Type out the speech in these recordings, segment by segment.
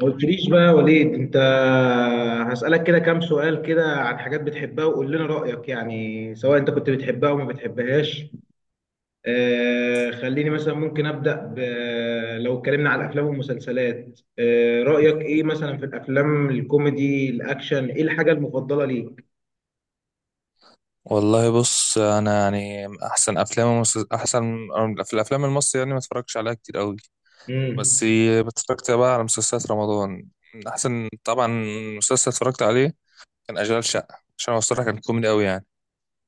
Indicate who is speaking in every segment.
Speaker 1: ما قلتليش بقى يا وليد، انت هسألك كده كام سؤال كده عن حاجات بتحبها وقول لنا رأيك، يعني سواء انت كنت بتحبها او ما بتحبهاش. خليني مثلا ممكن أبدأ لو اتكلمنا على الافلام والمسلسلات، رأيك ايه مثلا في الافلام الكوميدي الاكشن؟ ايه الحاجة المفضلة ليك؟
Speaker 2: والله بص، انا يعني احسن افلام احسن في الافلام المصري، يعني ما اتفرجش عليها كتير قوي.
Speaker 1: امم
Speaker 2: بس اتفرجت بقى على مسلسلات رمضان. من احسن طبعا مسلسل اتفرجت عليه كان اشغال شقه، عشان هو الصراحه كان كوميدي قوي يعني.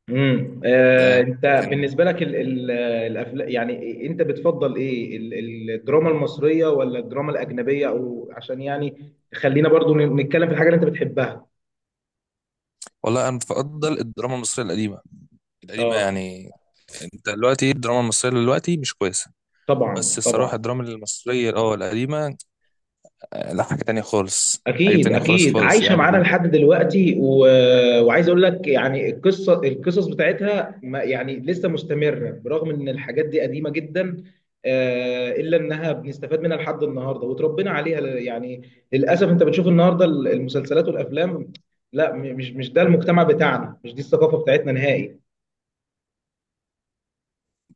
Speaker 2: ده
Speaker 1: انت
Speaker 2: كان.
Speaker 1: بالنسبه لك الافلام، يعني انت بتفضل ايه الدراما المصريه ولا الدراما الاجنبيه؟ او عشان يعني خلينا برضو نتكلم في الحاجه اللي انت بتحبها.
Speaker 2: والله انا بفضل الدراما المصريه القديمه، القديمه
Speaker 1: اه،
Speaker 2: يعني. انت دلوقتي الدراما المصريه دلوقتي مش كويسه. بس
Speaker 1: طبعا
Speaker 2: الصراحه
Speaker 1: طبعا،
Speaker 2: الدراما المصريه القديمه. لا حاجه تانية خالص، حاجه
Speaker 1: اكيد
Speaker 2: تانية خالص
Speaker 1: اكيد،
Speaker 2: خالص
Speaker 1: عايشه
Speaker 2: يعني.
Speaker 1: معانا لحد دلوقتي وعايز اقول لك يعني القصص بتاعتها ما يعني لسه مستمره برغم ان الحاجات دي قديمه جدا. الا انها بنستفاد منها لحد النهارده وتربينا عليها يعني للاسف انت بتشوف النهارده المسلسلات والافلام. لا، مش ده المجتمع بتاعنا، مش دي الثقافه بتاعتنا نهائي.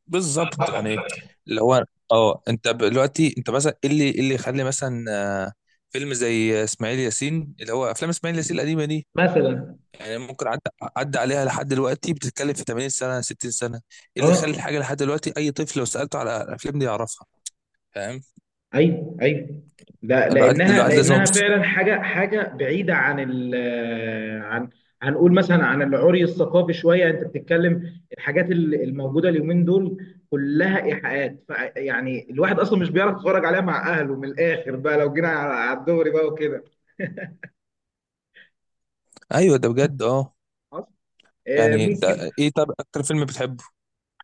Speaker 2: بالظبط يعني، اللي هو اه انت مثلا ايه اللي إيه اللي يخلي مثلا فيلم زي اسماعيل ياسين، اللي هو افلام اسماعيل ياسين القديمه دي،
Speaker 1: مثلا.
Speaker 2: يعني ممكن عدى عليها لحد دلوقتي، بتتكلم في 80 سنه، 60 سنه. ايه اللي يخلي
Speaker 1: اه،
Speaker 2: الحاجه لحد دلوقتي اي طفل لو سالته على الافلام دي يعرفها؟ فاهم.
Speaker 1: ايوه ايوه. لا،
Speaker 2: الواحد
Speaker 1: لانها
Speaker 2: الواحد لازم
Speaker 1: لانها
Speaker 2: يبص.
Speaker 1: فعلا حاجه بعيده عن عن هنقول مثلا عن العري الثقافي شويه، انت بتتكلم الحاجات الموجوده اليومين دول كلها ايحاءات، يعني الواحد اصلا مش بيعرف يتفرج عليها مع اهله. من الاخر بقى، لو جينا على الدوري بقى وكده.
Speaker 2: ايوه ده بجد، اه.
Speaker 1: خلاص؟
Speaker 2: يعني
Speaker 1: ممكن.
Speaker 2: ده ايه؟ طب اكتر فيلم بتحبه؟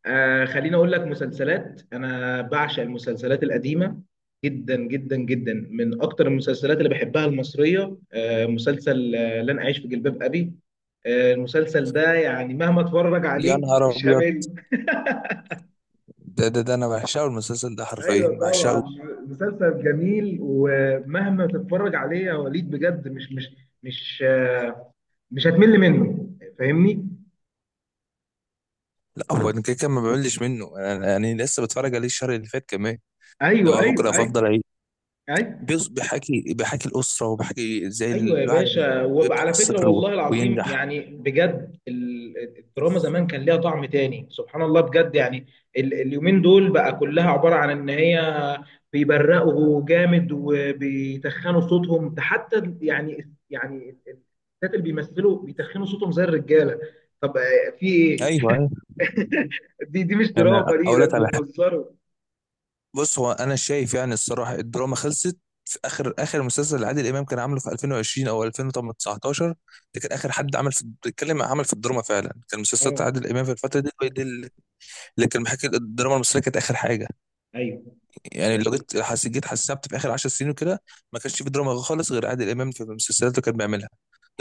Speaker 1: خليني اقول لك، مسلسلات انا بعشق المسلسلات القديمه جدا جدا جدا. من اكتر المسلسلات اللي بحبها المصريه مسلسل لن اعيش في جلباب ابي. المسلسل ده يعني مهما اتفرج
Speaker 2: يا
Speaker 1: عليه
Speaker 2: نهار
Speaker 1: مش
Speaker 2: ابيض،
Speaker 1: همل.
Speaker 2: ده انا بعشقه المسلسل ده، حرفيا
Speaker 1: ايوه طبعا.
Speaker 2: بعشقه.
Speaker 1: مسلسل جميل ومهما تتفرج عليه يا وليد، بجد مش آه، مش هتمل منه، فاهمني؟
Speaker 2: لا هو انا كده كده ما بعملش منه، يعني لسه بتفرج عليه الشهر اللي فات كمان. اللي
Speaker 1: ايوه
Speaker 2: هو ممكن
Speaker 1: ايوه
Speaker 2: أبقى
Speaker 1: ايوه
Speaker 2: افضل اعيش.
Speaker 1: ايوه
Speaker 2: بيحكي الاسره، وبيحكي ازاي
Speaker 1: ايوه يا
Speaker 2: الواحد
Speaker 1: باشا.
Speaker 2: بيبدا من
Speaker 1: وعلى فكره
Speaker 2: الصفر و-
Speaker 1: والله العظيم
Speaker 2: وينجح.
Speaker 1: يعني، بجد الدراما زمان كان ليها طعم تاني، سبحان الله بجد يعني. اليومين دول بقى كلها عباره عن ان هي بيبرقوا جامد وبيتخنوا صوتهم، ده حتى يعني الستات اللي بيمثلوا بيتخنوا صوتهم زي الرجاله. طب في ايه؟
Speaker 2: ايوه ايوه.
Speaker 1: دي مش
Speaker 2: يعني
Speaker 1: دراما، دي
Speaker 2: اقول
Speaker 1: ده
Speaker 2: لك
Speaker 1: انتوا
Speaker 2: على حاجه.
Speaker 1: بتهزروا.
Speaker 2: بص هو انا شايف يعني الصراحه الدراما خلصت في اخر اخر مسلسل اللي عادل امام كان عامله في 2020 او 2019. ده كان اخر حد عمل في الدراما فعلا، كان مسلسلات
Speaker 1: اه
Speaker 2: عادل امام في الفتره دي هي دي اللي كان بيحكي. الدراما المصريه كانت اخر حاجه
Speaker 1: ايوه
Speaker 2: يعني. لو
Speaker 1: ايوه،
Speaker 2: جيت حس- جيت حسبت في اخر 10 سنين وكده، ما كانش في دراما خالص غير عادل امام في المسلسلات اللي كان بيعملها.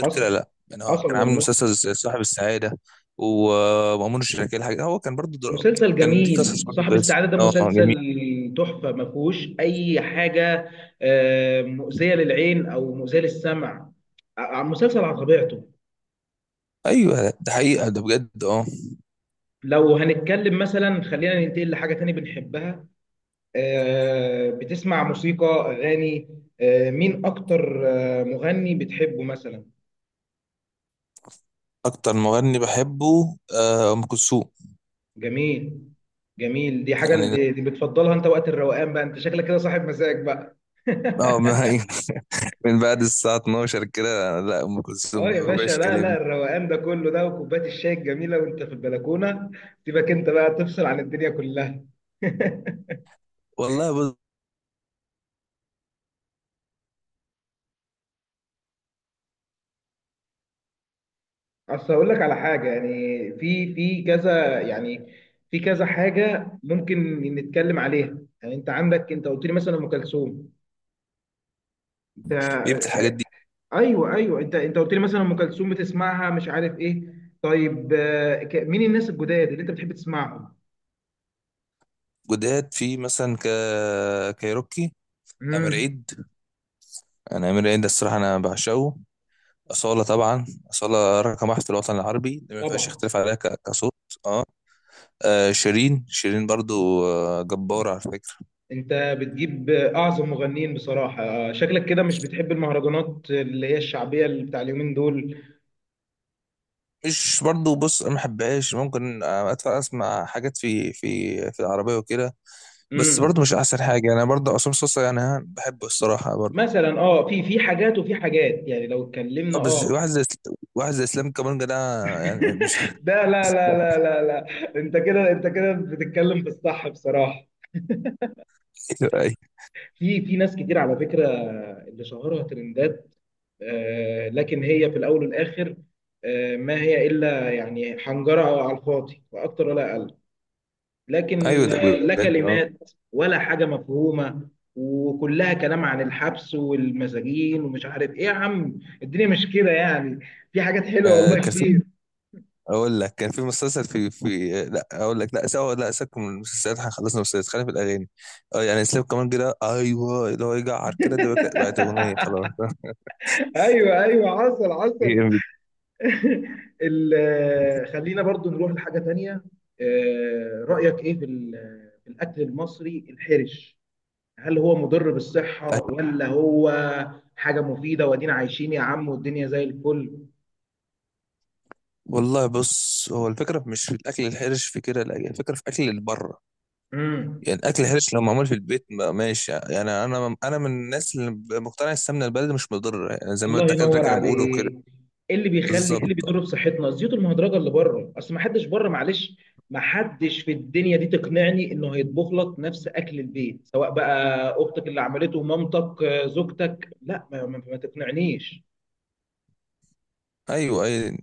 Speaker 2: غير كده لا، يعني هو
Speaker 1: حصل
Speaker 2: كان عامل
Speaker 1: والله.
Speaker 2: مسلسل صاحب السعاده، ومأمون الشركاه، الحاجه هو كان برضو
Speaker 1: مسلسل
Speaker 2: كان دي قصص
Speaker 1: جميل
Speaker 2: برضو
Speaker 1: صاحب
Speaker 2: كويسه،
Speaker 1: السعادة، ده
Speaker 2: اه جميل.
Speaker 1: مسلسل تحفة ما فيهوش أي حاجة مؤذية للعين أو مؤذية للسمع. مسلسل على طبيعته.
Speaker 2: ايوه ده حقيقه، ده بجد اه.
Speaker 1: لو هنتكلم مثلا، خلينا ننتقل لحاجة تانية بنحبها. بتسمع موسيقى، أغاني؟ مين أكتر مغني بتحبه مثلا؟
Speaker 2: اكتر مغني بحبه ام كلثوم.
Speaker 1: جميل جميل. دي حاجة
Speaker 2: يعني
Speaker 1: دي بتفضلها أنت وقت الروقان بقى، أنت شكلك كده صاحب مزاج بقى.
Speaker 2: اه ما هي من بعد الساعه 12 كده، لا ام كلثوم
Speaker 1: اه
Speaker 2: بقى
Speaker 1: يا
Speaker 2: ما
Speaker 1: باشا.
Speaker 2: فيهاش
Speaker 1: لا لا،
Speaker 2: كلام.
Speaker 1: الروقان ده كله ده وكوبايه الشاي الجميله وانت في البلكونه، سيبك انت بقى تفصل عن الدنيا كلها.
Speaker 2: والله بص،
Speaker 1: اصل هقول لك على حاجه يعني، في كذا يعني في كذا حاجه ممكن نتكلم عليها، يعني انت عندك. انت قلت لي مثلا ام كلثوم، انت
Speaker 2: بيمت الحاجات دي.
Speaker 1: ايوه ايوه. انت قلت لي مثلا ام كلثوم بتسمعها مش عارف ايه. طيب مين الناس الجداد اللي انت بتحب تسمعهم؟
Speaker 2: جداد في مثلا كايروكي، أمير
Speaker 1: امم.
Speaker 2: عيد. أنا أمير عيد الصراحة أنا بعشقه. أصالة طبعا، أصالة رقم واحد في الوطن العربي، دي ما فيهاش
Speaker 1: طبعا.
Speaker 2: اختلاف عليها كصوت. أه آه، شيرين برضو جبارة على فكرة.
Speaker 1: انت بتجيب اعظم مغنيين، بصراحة شكلك كده مش بتحب المهرجانات اللي هي الشعبية اللي بتاع اليومين دول.
Speaker 2: مش برضو، بص أنا ما بحبهاش، ممكن أدفع أسمع حاجات في العربية وكده، بس برضو
Speaker 1: امم
Speaker 2: مش أحسن حاجة يعني. أنا برضو عصام صوصة يعني بحبه الصراحة برضو.
Speaker 1: مثلا في حاجات وفي حاجات يعني لو
Speaker 2: أه،
Speaker 1: اتكلمنا
Speaker 2: بس واحد زي واحد زي إسلام كابونجا ده يعني مش
Speaker 1: لا لا لا لا لا لا. انت كده، انت كده بتتكلم في الصح بصراحة.
Speaker 2: أيوه أيوه
Speaker 1: في ناس كتير على فكرة اللي شهرها ترندات، لكن هي في الاول والاخر، ما هي الا يعني حنجرة على الفاضي، لا اكتر ولا اقل. لكن
Speaker 2: أيوه ده
Speaker 1: لا
Speaker 2: بجد أه.
Speaker 1: كلمات ولا حاجة مفهومة، وكلها كلام عن الحبس والمساجين ومش عارف ايه. يا عم الدنيا مش كده يعني، في حاجات حلوة والله
Speaker 2: كان
Speaker 1: كتير.
Speaker 2: اقول لك كان في مسلسل في لا اقول لك، لا سوا، لا سيبك من المسلسلات، احنا خلصنا مسلسلات، خلينا في الاغاني. اه يعني سيب كمان كده، ايوه، اللي هو يجعر كده ده بقت اغنيه خلاص
Speaker 1: ايوه ايوه، حصل حصل.
Speaker 2: جامد.
Speaker 1: خلينا برضو نروح لحاجة تانية. رأيك ايه في ال- آه، في الأكل المصري الحرش؟ هل هو مضر بالصحة، ولا هو حاجة مفيدة وادينا عايشين يا عم والدنيا زي الفل؟
Speaker 2: والله بص، هو الفكره مش في الاكل الحرش في كده، لا الفكره في اكل اللي بره.
Speaker 1: امم
Speaker 2: يعني الاكل الحرش لو معمول في البيت ماشي يعني. انا من الناس اللي مقتنع السمنه البلدي مش مضره، يعني زي ما
Speaker 1: الله
Speaker 2: الدكاتره
Speaker 1: ينور
Speaker 2: كانوا بيقولوا كده.
Speaker 1: عليك. ايه اللي
Speaker 2: بالظبط.
Speaker 1: بيضر بصحتنا؟ الزيوت المهدرجه اللي بره، اصل ما حدش بره معلش. ما حدش في الدنيا دي تقنعني انه هيطبخ لك نفس اكل البيت، سواء بقى اختك اللي عملته، مامتك، زوجتك. لا، ما تقنعنيش.
Speaker 2: ايوه ايوه.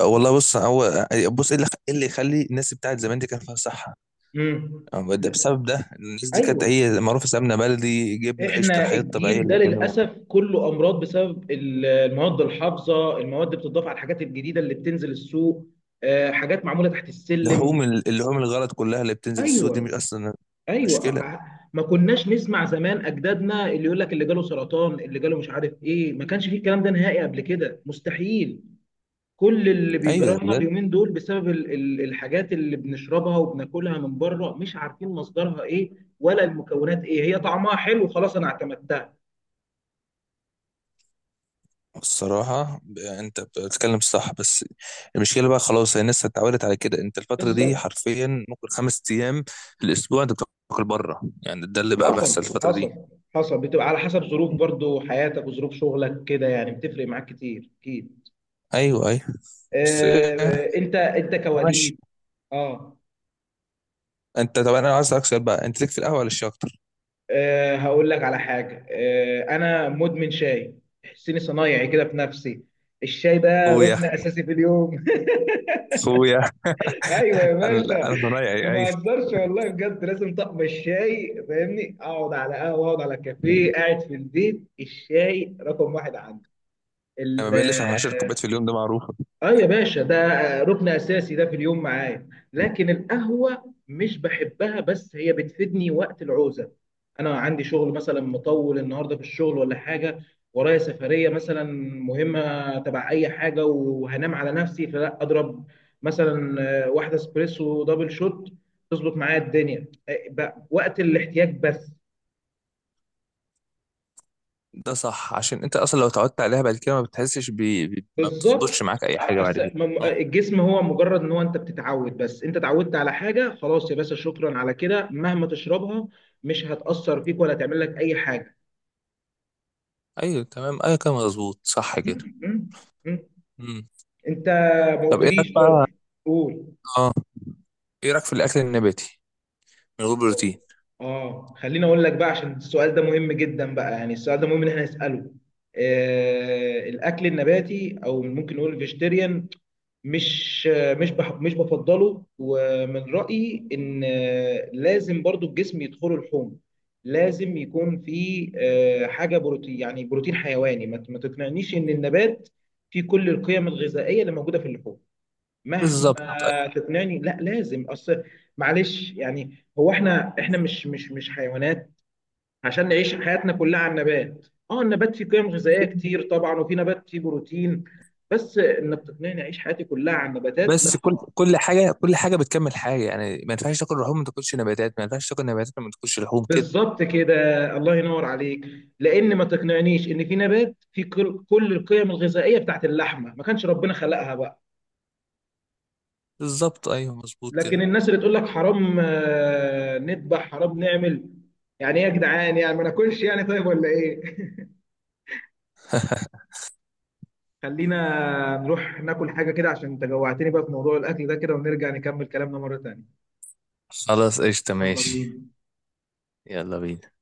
Speaker 2: والله بص، هو بص ايه اللي إيه اللي يخلي الناس بتاعت زمان دي كان فيها صحه؟
Speaker 1: امم. لا،
Speaker 2: بسبب ده، الناس دي كانت
Speaker 1: ايوه،
Speaker 2: هي معروفه سمنه بلدي، جبنه، قشطه،
Speaker 1: احنا
Speaker 2: الحاجات الطبيعيه
Speaker 1: الجيل ده
Speaker 2: اللي كانوا.
Speaker 1: للاسف كله امراض بسبب المواد الحافظه، المواد بتضاف على الحاجات الجديده اللي بتنزل السوق. حاجات معموله تحت السلم.
Speaker 2: لحوم اللحوم الغلط كلها اللي بتنزل السوق دي مش
Speaker 1: ايوه
Speaker 2: اصلا
Speaker 1: ايوه.
Speaker 2: مشكله؟
Speaker 1: ما كناش نسمع زمان اجدادنا اللي يقول لك اللي جاله سرطان، اللي جاله مش عارف ايه. ما كانش فيه الكلام ده نهائي قبل كده مستحيل. كل اللي
Speaker 2: ايوه
Speaker 1: بيجرى
Speaker 2: ده
Speaker 1: لنا
Speaker 2: بجد.
Speaker 1: اليومين دول بسبب الحاجات اللي بنشربها وبناكلها من بره، مش عارفين مصدرها ايه ولا المكونات ايه هي. طعمها حلو خلاص، انا اعتمدتها.
Speaker 2: الصراحه، انت بتتكلم صح، بس المشكله بقى خلاص هي الناس اتعودت على كده. انت الفتره دي
Speaker 1: بالظبط.
Speaker 2: حرفيا ممكن خمس ايام في الاسبوع انت بتاكل بره، يعني ده اللي بقى بيحصل
Speaker 1: حصل
Speaker 2: الفتره دي.
Speaker 1: حصل حصل. بتبقى على حسب ظروف برضو حياتك وظروف شغلك كده، يعني بتفرق معاك كتير اكيد.
Speaker 2: ايوه ايوه. بس
Speaker 1: انت
Speaker 2: ماشي.
Speaker 1: كوليد. اه.
Speaker 2: انت طب انا عايز اسالك سؤال بقى، انت ليك في القهوه ولا الشاي اكتر؟
Speaker 1: أه، هقول لك على حاجة. أنا مدمن شاي، تحسيني صنايعي كده في نفسي. الشاي ده
Speaker 2: اخويا،
Speaker 1: ركن أساسي في اليوم.
Speaker 2: اخويا،
Speaker 1: أيوة يا
Speaker 2: انا
Speaker 1: باشا.
Speaker 2: انا ضايع.
Speaker 1: ما
Speaker 2: ايوه
Speaker 1: بهزرش والله بجد، لازم طقم الشاي، فاهمني؟ أقعد على قهوة، أقعد على كافيه، قاعد في البيت، الشاي رقم واحد
Speaker 2: انا ما بقلش
Speaker 1: عندي.
Speaker 2: عن 10 كوبايات في اليوم، ده معروفه.
Speaker 1: اه يا باشا، ده ركن اساسي ده في اليوم معايا. لكن القهوه مش بحبها، بس هي بتفيدني وقت العوزه. انا عندي شغل مثلا مطول النهارده في الشغل ولا حاجه، ورايا سفريه مثلا مهمه تبع اي حاجه، وهنام على نفسي، فلا اضرب مثلا واحده اسبريسو دبل شوت. تظبط معايا الدنيا بقى وقت الاحتياج بس.
Speaker 2: ده صح، عشان انت اصلا لو اتعودت عليها بعد كده ما بتحسش ما بتظبطش
Speaker 1: بالظبط.
Speaker 2: معاك اي حاجه بعد كده. اه.
Speaker 1: الجسم هو مجرد ان هو انت بتتعود، بس انت اتعودت على حاجه خلاص، يا باشا شكرا على كده مهما تشربها مش هتاثر فيك ولا تعمل لك اي حاجه.
Speaker 2: ايوه تمام، ايوه كده مظبوط، صح
Speaker 1: م-
Speaker 2: كده.
Speaker 1: م- م.
Speaker 2: مم.
Speaker 1: انت ما
Speaker 2: طب ايه رايك
Speaker 1: قلتليش برضه.
Speaker 2: بقى؟
Speaker 1: قول.
Speaker 2: اه ايه رايك في الاكل النباتي من غير بروتين؟
Speaker 1: اه خليني اقول لك بقى عشان السؤال ده مهم جدا بقى، يعني السؤال ده مهم ان احنا نساله. الاكل النباتي، او ممكن نقول الفيجيتيريان، مش مش بفضله، ومن رأيي ان لازم برضو الجسم يدخله لحوم، لازم يكون في حاجه بروتين، يعني بروتين حيواني. ما تقنعنيش ان النبات فيه كل القيم الغذائيه اللي موجوده في اللحوم،
Speaker 2: بالظبط.
Speaker 1: مهما تقنعني. لا لازم، اصل معلش يعني هو احنا مش حيوانات عشان نعيش حياتنا كلها على النبات. اه النبات فيه قيم غذائيه كتير طبعا، وفي نبات فيه بروتين، بس انك تقنعني اعيش حياتي كلها على النباتات
Speaker 2: بس
Speaker 1: لا
Speaker 2: كل
Speaker 1: طبعا.
Speaker 2: حاجه بتكمل حاجه، يعني ما ينفعش تاكل لحوم ما تاكلش نباتات، ما ينفعش تاكل نباتات ما تاكلش لحوم كده.
Speaker 1: بالظبط كده. الله ينور عليك. لان ما تقنعنيش ان في نبات فيه كل كل القيم الغذائيه بتاعت اللحمه، ما كانش ربنا خلقها بقى.
Speaker 2: بالظبط ايوه مظبوط كده.
Speaker 1: لكن الناس اللي تقول لك حرام نذبح، حرام نعمل، يعني ايه يا جدعان؟ يعني ما ناكلش يعني؟ طيب ولا ايه؟ خلينا نروح ناكل حاجه كده، عشان انت جوعتني بقى في موضوع الاكل ده كده، ونرجع نكمل كلامنا مره تانية.
Speaker 2: خلاص، قشطه،
Speaker 1: يلا
Speaker 2: ماشي.
Speaker 1: بينا.
Speaker 2: يلا بينا.